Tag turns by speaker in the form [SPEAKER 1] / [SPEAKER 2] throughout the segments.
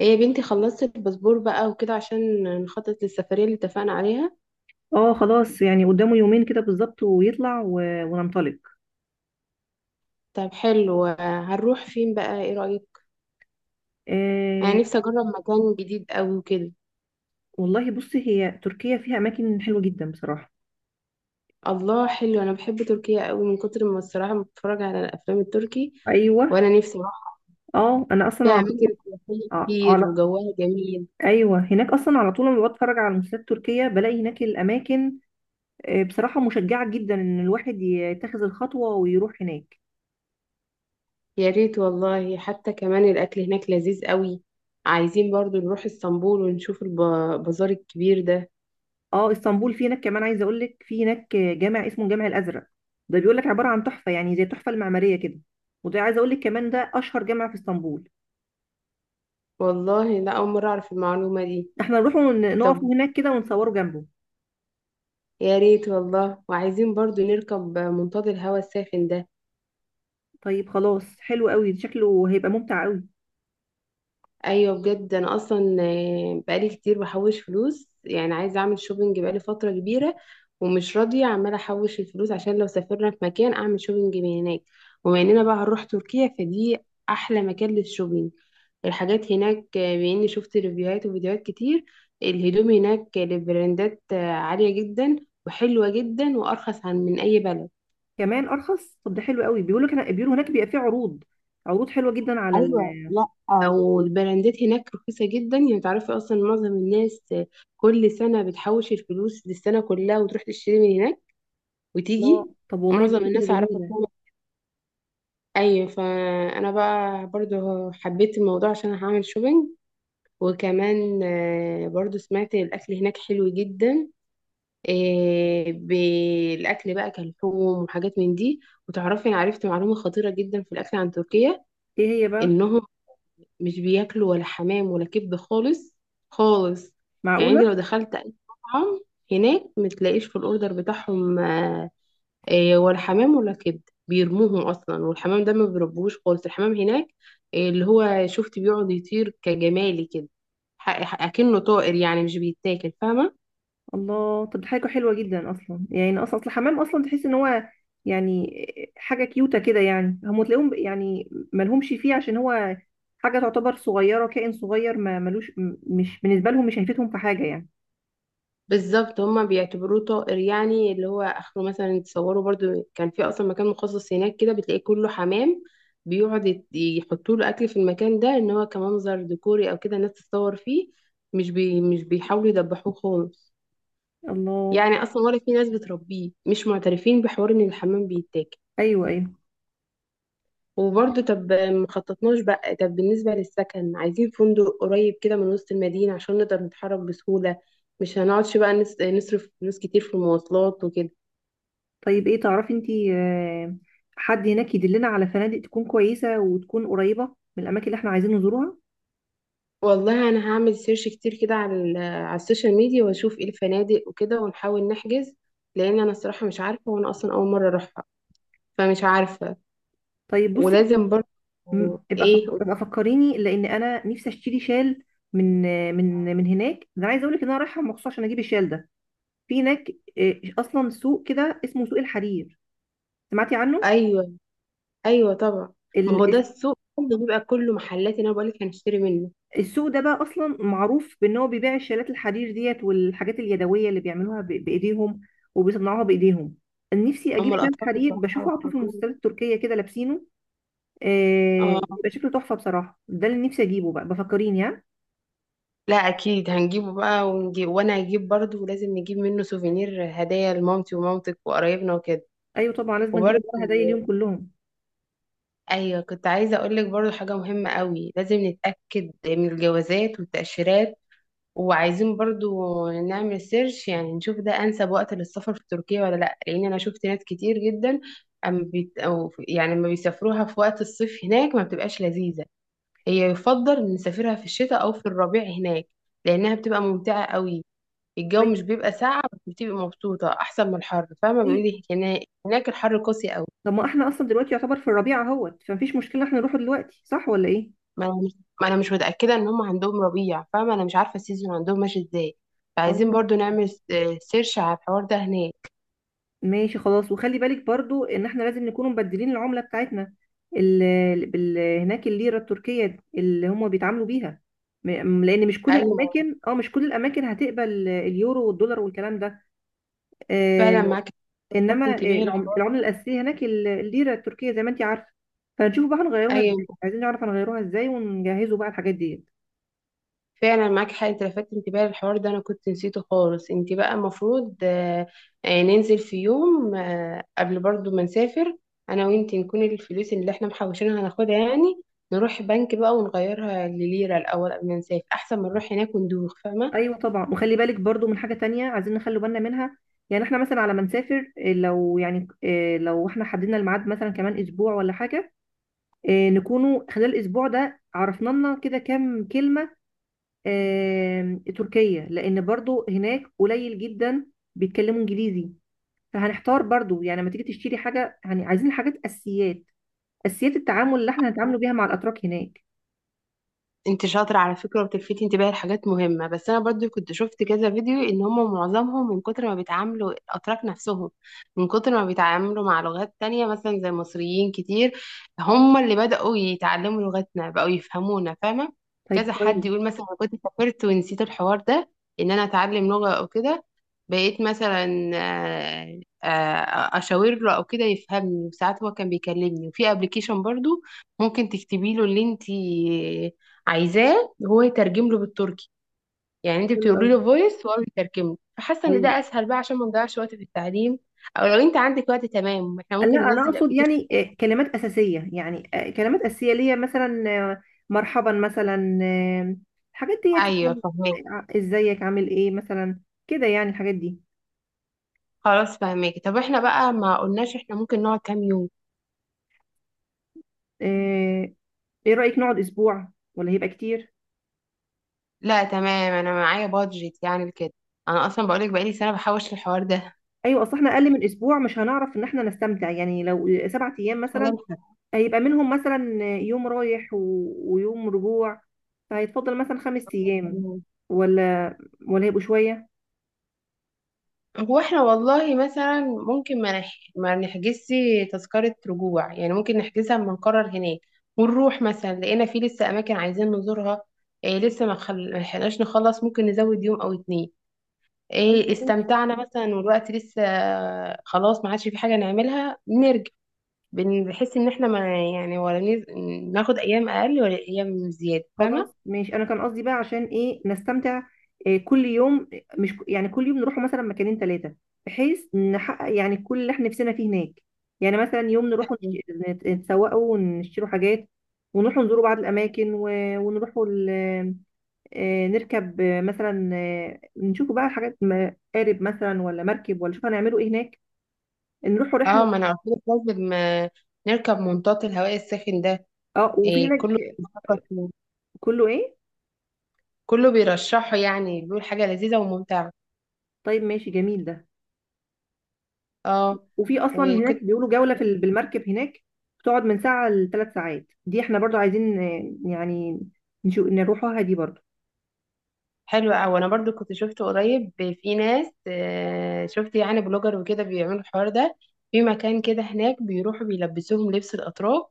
[SPEAKER 1] ايه يا بنتي، خلصت الباسبور بقى وكده عشان نخطط للسفرية اللي اتفقنا عليها.
[SPEAKER 2] اه، خلاص يعني قدامه يومين كده بالظبط، ويطلع وننطلق.
[SPEAKER 1] طب حلو، هنروح فين بقى؟ ايه رأيك؟ انا
[SPEAKER 2] آه.
[SPEAKER 1] نفسي اجرب مكان جديد قوي وكده.
[SPEAKER 2] والله بصي، هي تركيا فيها اماكن حلوه جدا بصراحه.
[SPEAKER 1] الله حلو، انا بحب تركيا قوي من كتر ما الصراحة بتفرج على الافلام التركي،
[SPEAKER 2] ايوه.
[SPEAKER 1] وانا نفسي اروح.
[SPEAKER 2] اه، انا اصلا
[SPEAKER 1] فيها
[SPEAKER 2] على
[SPEAKER 1] اماكن
[SPEAKER 2] طول.
[SPEAKER 1] سياحية
[SPEAKER 2] ع-
[SPEAKER 1] كتير
[SPEAKER 2] على
[SPEAKER 1] وجوها جميل.
[SPEAKER 2] ايوه، هناك اصلا على طول، لما بتفرج على المسلسلات التركيه بلاقي هناك الاماكن. بصراحه مشجعه جدا ان الواحد يتخذ الخطوه ويروح هناك.
[SPEAKER 1] يا ريت والله، حتى كمان الاكل هناك لذيذ قوي. عايزين برضو نروح اسطنبول ونشوف البازار الكبير ده.
[SPEAKER 2] اه، اسطنبول في هناك كمان، عايزه اقول لك في هناك جامع اسمه الجامع الازرق. ده بيقول لك عباره عن تحفه، يعني زي التحفه المعماريه كده. وده عايزه اقول لك كمان، ده اشهر جامع في اسطنبول.
[SPEAKER 1] والله لا، اول مرة اعرف المعلومة دي.
[SPEAKER 2] احنا نروح ونقف
[SPEAKER 1] طب
[SPEAKER 2] هناك كده ونصوره جنبه.
[SPEAKER 1] يا ريت والله، وعايزين برضو نركب منطاد الهواء الساخن ده.
[SPEAKER 2] طيب خلاص، حلو قوي، شكله هيبقى ممتع قوي.
[SPEAKER 1] ايوه بجد، انا اصلا بقالي كتير بحوش فلوس، يعني عايزه اعمل شوبينج بقالي فتره كبيره، ومش راضيه، عماله احوش الفلوس عشان لو سافرنا في مكان اعمل شوبينج من هناك. وبما اننا بقى هنروح تركيا، فدي احلى مكان للشوبينج. الحاجات هناك باني شفت ريفيوهات وفيديوهات كتير. الهدوم هناك لبراندات عاليه جدا وحلوه جدا، وارخص عن من اي بلد.
[SPEAKER 2] كمان ارخص؟ طب ده حلو قوي، كان بيقولوا هناك بيبقى فيه عروض حلوه جدا
[SPEAKER 1] ايوه لا، والبراندات هناك رخيصه جدا. يعني تعرفي اصلا معظم الناس كل سنه بتحوش الفلوس للسنه كلها وتروح تشتري من هناك
[SPEAKER 2] الله،
[SPEAKER 1] وتيجي.
[SPEAKER 2] طب والله
[SPEAKER 1] معظم
[SPEAKER 2] دي فكره
[SPEAKER 1] الناس اعرفها
[SPEAKER 2] جميله.
[SPEAKER 1] كده. ايوه، فانا بقى برضو حبيت الموضوع عشان هعمل شوبينج. وكمان برضو سمعت الاكل هناك حلو جدا. بالاكل بقى كلحوم وحاجات من دي. وتعرفي، انا عرفت معلومه خطيره جدا في الاكل عن تركيا:
[SPEAKER 2] ايه هي بقى؟
[SPEAKER 1] انهم مش بياكلوا ولا حمام ولا كبد خالص. خالص. يعني انت لو
[SPEAKER 2] معقوله؟
[SPEAKER 1] دخلت اي مطعم هناك، متلاقيش في الاوردر بتاعهم ولا حمام ولا كبد. بيرموهم اصلا، والحمام ده ما بيربوش خالص الحمام هناك. اللي هو شفت بيقعد يطير كجمالي كده، اكنه طائر، يعني مش بيتاكل، فاهمه؟
[SPEAKER 2] الله، طب دي حاجه حلوه جدا اصلا، يعني اصلا اصل الحمام اصلا تحس ان هو يعني حاجه كيوته كده، يعني هم تلاقيهم يعني مالهمش فيه، عشان هو حاجه تعتبر صغيره، كائن صغير ما ملوش، مش بالنسبه لهم، مش هيفيدهم في حاجه يعني.
[SPEAKER 1] بالظبط، هما بيعتبروه طائر. يعني اللي هو اخره مثلا، تصوروا برضو كان في اصلا مكان مخصص هناك كده، بتلاقيه كله حمام، بيقعد يحطوا له اكل في المكان ده، ان هو كمنظر ديكوري او كده الناس تتصور فيه. مش بيحاولوا يدبحوه خالص.
[SPEAKER 2] الله.
[SPEAKER 1] يعني اصلا ولا في ناس بتربيه، مش معترفين بحوار ان الحمام بيتاكل.
[SPEAKER 2] ايوه، ايوه.
[SPEAKER 1] وبرضه طب مخططناش بقى، طب بالنسبة للسكن عايزين فندق قريب كده من وسط المدينة عشان نقدر نتحرك بسهولة. مش هنقعدش بقى نصرف فلوس كتير في المواصلات وكده.
[SPEAKER 2] طيب، ايه تعرفي انتي حد هناك يدلنا على فنادق تكون كويسة وتكون قريبة من الأماكن اللي احنا عايزين نزورها؟
[SPEAKER 1] والله انا هعمل سيرش كتير كده على على السوشيال ميديا، واشوف ايه الفنادق وكده، ونحاول نحجز، لان انا الصراحه مش عارفه، وانا اصلا اول مره اروحها، فمش عارفه.
[SPEAKER 2] طيب بصي،
[SPEAKER 1] ولازم برضه. ايه؟
[SPEAKER 2] ابقى فكريني، لأن أنا نفسي أشتري شال من من هناك. ده أنا عايزة أقولك إن أنا رايحة مخصوص عشان أجيب الشال ده في هناك. أصلا سوق كده اسمه سوق الحرير، سمعتي عنه؟
[SPEAKER 1] ايوه، ايوه طبعا. ما هو ده السوق كله بيبقى كله محلات اللي انا بقول لك هنشتري منه.
[SPEAKER 2] السوق ده بقى اصلا معروف بان هو بيبيع الشالات الحرير ديت والحاجات اليدويه اللي بيعملوها بايديهم وبيصنعوها بايديهم. نفسي اجيب
[SPEAKER 1] اما
[SPEAKER 2] شال
[SPEAKER 1] الاطفال
[SPEAKER 2] حرير
[SPEAKER 1] بصراحه
[SPEAKER 2] بشوفه على طول في
[SPEAKER 1] والحاجات-
[SPEAKER 2] المسلسلات التركيه كده لابسينه.
[SPEAKER 1] اه.
[SPEAKER 2] بيبقى شكله تحفه بصراحه، ده اللي نفسي اجيبه بقى، بفكريني ها؟
[SPEAKER 1] لا اكيد هنجيبه بقى ونجيب، وانا هجيب برضه، ولازم نجيب منه سوفينير هدايا لمامتي ومامتك وقرايبنا وكده.
[SPEAKER 2] ايوه طبعا، لازم اجيب
[SPEAKER 1] وبرضه
[SPEAKER 2] الورا هدايا اليوم كلهم.
[SPEAKER 1] ايوه، كنت عايزه اقول لك برضو حاجه مهمه قوي، لازم نتاكد من الجوازات والتاشيرات. وعايزين برضو نعمل سيرش، يعني نشوف ده انسب وقت للسفر في تركيا ولا لا. لان انا شفت ناس كتير جدا، أم بيت أو يعني لما بيسافروها في وقت الصيف هناك ما بتبقاش لذيذه. هي يفضل نسافرها في الشتاء او في الربيع هناك، لانها بتبقى ممتعه قوي. الجو
[SPEAKER 2] طيب.
[SPEAKER 1] مش بيبقى ساقع بس بتبقى مبسوطه، احسن من الحر، فاهمه؟
[SPEAKER 2] طيب.
[SPEAKER 1] بيقولي هناك الحر قاسي قوي.
[SPEAKER 2] طب ما احنا اصلا دلوقتي يعتبر في الربيع اهوت، فمفيش مشكله احنا نروحه دلوقتي، صح ولا ايه؟
[SPEAKER 1] ما انا مش ما أنا مش متاكده ان هم عندهم ربيع، فاهمه؟ انا مش عارفه السيزون عندهم ماشي ازاي، فعايزين
[SPEAKER 2] اه،
[SPEAKER 1] برضو نعمل سيرش على الحوار ده هناك.
[SPEAKER 2] ماشي خلاص. وخلي بالك برضو ان احنا لازم نكون مبدلين العملة بتاعتنا، هناك الليرة التركية اللي هم بيتعاملوا بيها. لان
[SPEAKER 1] ايوه
[SPEAKER 2] مش كل الاماكن هتقبل اليورو والدولار والكلام ده.
[SPEAKER 1] فعلا
[SPEAKER 2] آه
[SPEAKER 1] معاك حق، لفت
[SPEAKER 2] انما
[SPEAKER 1] انتباهي للحوار
[SPEAKER 2] العملة
[SPEAKER 1] ده.
[SPEAKER 2] الاساسية هناك الليرة التركية، زي ما انت عارفة. فنشوف بقى هنغيروها
[SPEAKER 1] ايوه
[SPEAKER 2] ازاي، عايزين نعرف هنغيروها ازاي ونجهزوا بقى الحاجات دي.
[SPEAKER 1] فعلا معاك حق، إنت لفت انتباهي للحوار ده، انا كنت نسيته خالص. انت بقى المفروض ننزل في يوم قبل برضو ما نسافر انا وانت، نكون الفلوس اللي احنا محوشينها هناخدها، يعني نروح بنك بقى ونغيرها لليرة الاول قبل ما نسافر، احسن ما نروح هناك وندوخ، فاهمه؟
[SPEAKER 2] ايوه طبعا، وخلي بالك برضو من حاجه تانية عايزين نخلي بالنا منها. يعني احنا مثلا على ما نسافر، لو يعني إيه، لو احنا حددنا الميعاد مثلا كمان اسبوع ولا حاجه، نكونوا خلال الاسبوع ده عرفنا لنا كده كام كلمه تركيه، لان برضو هناك قليل جدا بيتكلموا انجليزي. فهنحتار برضو، يعني لما تيجي تشتري حاجه، يعني عايزين حاجات اساسيات، اساسيات التعامل اللي احنا هنتعاملوا بيها مع الاتراك هناك.
[SPEAKER 1] انت شاطرة على فكرة، وبتلفتي انتباهي لحاجات مهمة. بس انا برضو كنت شفت كذا فيديو، ان هم معظمهم من كتر ما بيتعاملوا الاتراك نفسهم، من كتر ما بيتعاملوا مع لغات تانية مثلا زي المصريين كتير، هم اللي بدأوا يتعلموا لغتنا، بقوا يفهمونا، فاهمة؟
[SPEAKER 2] طيب
[SPEAKER 1] كذا حد
[SPEAKER 2] كويس.
[SPEAKER 1] يقول مثلا انا كنت سافرت ونسيت الحوار ده، ان انا اتعلم لغة او كده، بقيت مثلا اشاور له او كده يفهمني. وساعات هو كان بيكلمني، وفي ابلكيشن برضو ممكن تكتبي له اللي انت عايزاه هو يترجم له بالتركي، يعني انت
[SPEAKER 2] حلو
[SPEAKER 1] بتقولي له فويس وهو بيترجم له، فحاسه ان
[SPEAKER 2] قوي.
[SPEAKER 1] ده اسهل بقى، عشان ما نضيعش وقت في التعليم. او لو انت عندك وقت تمام احنا
[SPEAKER 2] لا
[SPEAKER 1] ممكن
[SPEAKER 2] انا
[SPEAKER 1] ننزل
[SPEAKER 2] اقصد
[SPEAKER 1] الابلكيشن.
[SPEAKER 2] يعني، كلمات اساسيه ليا مثلا، آه، مرحبا مثلا، الحاجات ديت
[SPEAKER 1] ايوه
[SPEAKER 2] يعني،
[SPEAKER 1] فهماك.
[SPEAKER 2] ازيك عامل ايه مثلا، كده يعني الحاجات دي.
[SPEAKER 1] خلاص فهماك. طب احنا بقى ما قلناش، احنا ممكن نقعد كام يوم؟
[SPEAKER 2] آه، ايه رايك نقعد اسبوع ولا هيبقى كتير؟
[SPEAKER 1] لا تمام، انا معايا بادجت يعني كده، انا اصلا بقولك بقالي سنه بحوش الحوار ده
[SPEAKER 2] ايوه، اصل احنا اقل من اسبوع مش هنعرف ان احنا نستمتع، يعني لو 7 ايام
[SPEAKER 1] عشان
[SPEAKER 2] مثلا، هيبقى منهم مثلا يوم رايح ويوم رجوع، فهيتفضل مثلا 5 ايام.
[SPEAKER 1] ألحق.
[SPEAKER 2] ولا ولا هيبقوا شويه؟
[SPEAKER 1] هو احنا والله مثلا ممكن ما نحجزش تذكرة رجوع، يعني ممكن نحجزها اما نقرر هناك. ونروح مثلا لقينا في لسه أماكن عايزين نزورها، إيه لسه ما لحقناش نخلص، ممكن نزود يوم أو اتنين. إيه استمتعنا مثلا والوقت لسه، خلاص ما عادش في حاجة نعملها، نرجع. بنحس إن احنا ما، يعني ناخد أيام أقل ولا أيام زيادة،
[SPEAKER 2] خلاص
[SPEAKER 1] فاهمة؟
[SPEAKER 2] ماشي، انا كان قصدي بقى عشان ايه نستمتع، كل يوم، مش يعني كل يوم نروح مثلا مكانين ثلاثه، بحيث نحقق يعني كل اللي احنا نفسنا فيه هناك. يعني مثلا يوم نروح نتسوقوا ونشتروا حاجات، ونروح نزوروا بعض الاماكن ونروحوا نركب مثلا نشوفوا بقى حاجات، قارب مثلا ولا مركب ولا، شوف هنعملوا ايه هناك، نروحوا
[SPEAKER 1] اه
[SPEAKER 2] رحله.
[SPEAKER 1] ما أنا قلت لك، لازم نركب منطاد الهواء الساخن ده.
[SPEAKER 2] اه، وفي
[SPEAKER 1] إيه كله
[SPEAKER 2] هناك.
[SPEAKER 1] بيفكر،
[SPEAKER 2] كله ايه؟
[SPEAKER 1] كله بيرشحه، يعني بيقول حاجة لذيذة وممتعة.
[SPEAKER 2] طيب ماشي، جميل ده.
[SPEAKER 1] اه،
[SPEAKER 2] وفي اصلا
[SPEAKER 1] وكنت،
[SPEAKER 2] هناك بيقولوا جولة بالمركب هناك، بتقعد من ساعة ل3 ساعات، دي احنا برضو عايزين يعني نروحوها دي برضو.
[SPEAKER 1] حلوة أوي. أنا برضو كنت شفت قريب في ناس شفت يعني بلوجر وكده بيعملوا الحوار ده، في مكان كده هناك بيروحوا بيلبسوهم لبس الأتراك،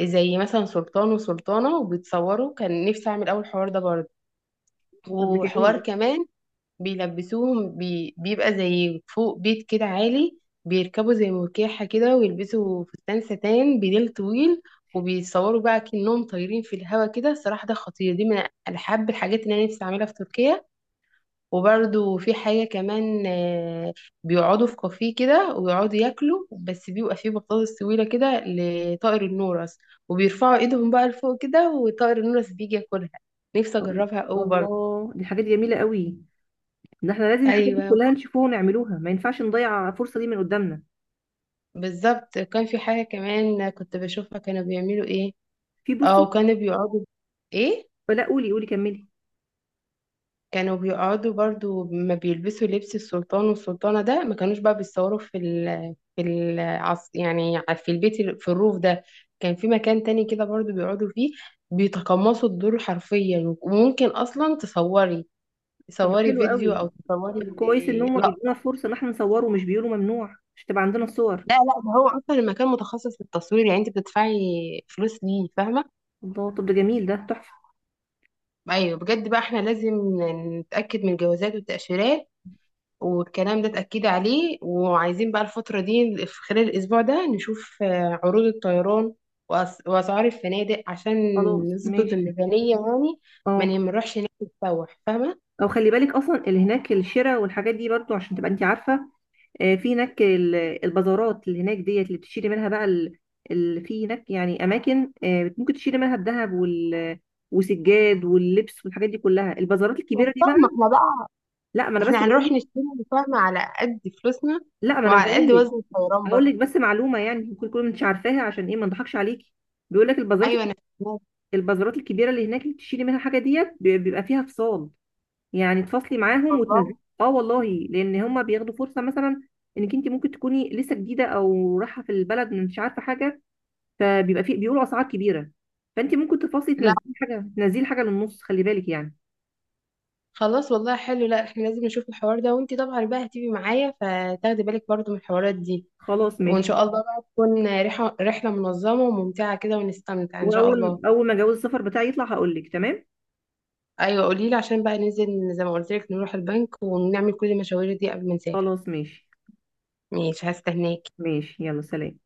[SPEAKER 1] زي مثلا سلطان وسلطانة، وبيتصوروا، كان نفسي أعمل أول حوار ده برضه.
[SPEAKER 2] طب ده جميل
[SPEAKER 1] وحوار
[SPEAKER 2] ده.
[SPEAKER 1] كمان بيلبسوهم بيبقى زي فوق بيت كده عالي، بيركبوا زي مركاحة كده، ويلبسوا فستان ستان بديل طويل، وبيتصوروا بقى كأنهم طايرين في الهوا كده. الصراحة ده خطير، دي من أحب الحاجات اللي أنا نفسي أعملها في تركيا. وبرده في حاجة كمان بيقعدوا في كافيه كده ويقعدوا ياكلوا، بس بيبقى فيه بطاطس طويلة كده لطائر النورس، وبيرفعوا ايدهم بقى لفوق كده، وطائر النورس بيجي ياكلها. نفسي أجربها أوي برضه.
[SPEAKER 2] الله، دي حاجات جميلة قوي. ده احنا لازم الحاجات دي
[SPEAKER 1] أيوة
[SPEAKER 2] كلها نشوفوها ونعملوها، ما ينفعش نضيع الفرصة دي من قدامنا.
[SPEAKER 1] بالظبط، كان في حاجة كمان كنت بشوفها، كانوا بيعملوا ايه
[SPEAKER 2] بصي.
[SPEAKER 1] او كانوا بيقعدوا، ايه؟
[SPEAKER 2] لا، قولي قولي كملي.
[SPEAKER 1] كانوا بيقعدوا برضو ما بيلبسوا لبس السلطان والسلطانة ده، ما كانوش بقى بيتصوروا في ال في ال يعني في البيت، في الروف ده، كان في مكان تاني كده برضو بيقعدوا فيه، بيتقمصوا الدور حرفيا. وممكن اصلا تصوري،
[SPEAKER 2] طب ده
[SPEAKER 1] تصوري
[SPEAKER 2] حلو
[SPEAKER 1] فيديو
[SPEAKER 2] قوي.
[SPEAKER 1] او تصوري.
[SPEAKER 2] طب كويس ان هم
[SPEAKER 1] لا
[SPEAKER 2] بيدونا فرصة ان احنا نصوره ومش بيقولوا ممنوع، مش تبقى عندنا الصور.
[SPEAKER 1] لا، لا ده هو اصلا المكان متخصص للتصوير، يعني انت بتدفعي فلوس ليه، فاهمة؟
[SPEAKER 2] الله، طب ده جميل ده، تحفة.
[SPEAKER 1] ايوه بجد بقى، احنا لازم نتاكد من الجوازات والتاشيرات والكلام ده، اتاكد عليه. وعايزين بقى الفتره دي في خلال الاسبوع ده نشوف عروض الطيران واسعار الفنادق عشان
[SPEAKER 2] خلاص
[SPEAKER 1] نظبط
[SPEAKER 2] ماشي.
[SPEAKER 1] الميزانيه، يعني ما
[SPEAKER 2] اه.
[SPEAKER 1] نروحش هناك نتسوح، فاهمه؟
[SPEAKER 2] او خلي بالك اصلا اللي هناك، الشراء والحاجات دي برضو عشان تبقى انت عارفة. في هناك البازارات اللي هناك ديت اللي بتشتري منها بقى، في هناك يعني اماكن ممكن تشتري منها الذهب وسجاد واللبس والحاجات دي كلها، البازارات الكبيره دي بقى.
[SPEAKER 1] فاهمه احنا بقى،
[SPEAKER 2] لا، ما انا بس
[SPEAKER 1] احنا
[SPEAKER 2] بقول
[SPEAKER 1] هنروح
[SPEAKER 2] لك.
[SPEAKER 1] نشتري، فاهمه، على قد فلوسنا
[SPEAKER 2] لا، ما انا
[SPEAKER 1] وعلى
[SPEAKER 2] هقول
[SPEAKER 1] قد
[SPEAKER 2] لك.
[SPEAKER 1] وزن الطيران
[SPEAKER 2] هقول
[SPEAKER 1] برضه.
[SPEAKER 2] لك بس معلومه، يعني ممكن تكون انت عارفاها، عشان ايه ما نضحكش عليكي. بيقول لك البازارات
[SPEAKER 1] ايوه انا فاهمة.
[SPEAKER 2] البازارات الكبيره اللي هناك اللي بتشتري منها الحاجه ديت، بيبقى فيها فصال، يعني تفصلي معاهم وتنزلي.
[SPEAKER 1] والله
[SPEAKER 2] اه والله. لان هم بياخدوا فرصه، مثلا انك انت ممكن تكوني لسه جديده او رايحه في البلد مش عارفه حاجه، فبيبقى في، بيقولوا اسعار كبيره. فانت ممكن تفاصلي،
[SPEAKER 1] لا
[SPEAKER 2] تنزلي حاجه تنزلي حاجه للنص، خلي بالك يعني.
[SPEAKER 1] خلاص، والله حلو. لا احنا لازم نشوف الحوار ده، وانتي طبعا بقى هتيجي معايا، فتاخدي بالك برضه من الحوارات دي.
[SPEAKER 2] خلاص
[SPEAKER 1] وان
[SPEAKER 2] ماشي.
[SPEAKER 1] شاء الله بقى تكون رحله، رحله منظمه وممتعه كده، ونستمتع ان شاء الله.
[SPEAKER 2] واول اول ما جواز السفر بتاعي يطلع هقول لك، تمام.
[SPEAKER 1] ايوه قولي لي، عشان بقى ننزل زي ما قلت لك نروح البنك ونعمل كل المشاوير دي قبل ما نسافر.
[SPEAKER 2] خلاص ماشي.
[SPEAKER 1] ماشي، هستناكي.
[SPEAKER 2] ماشي، يلا سلام.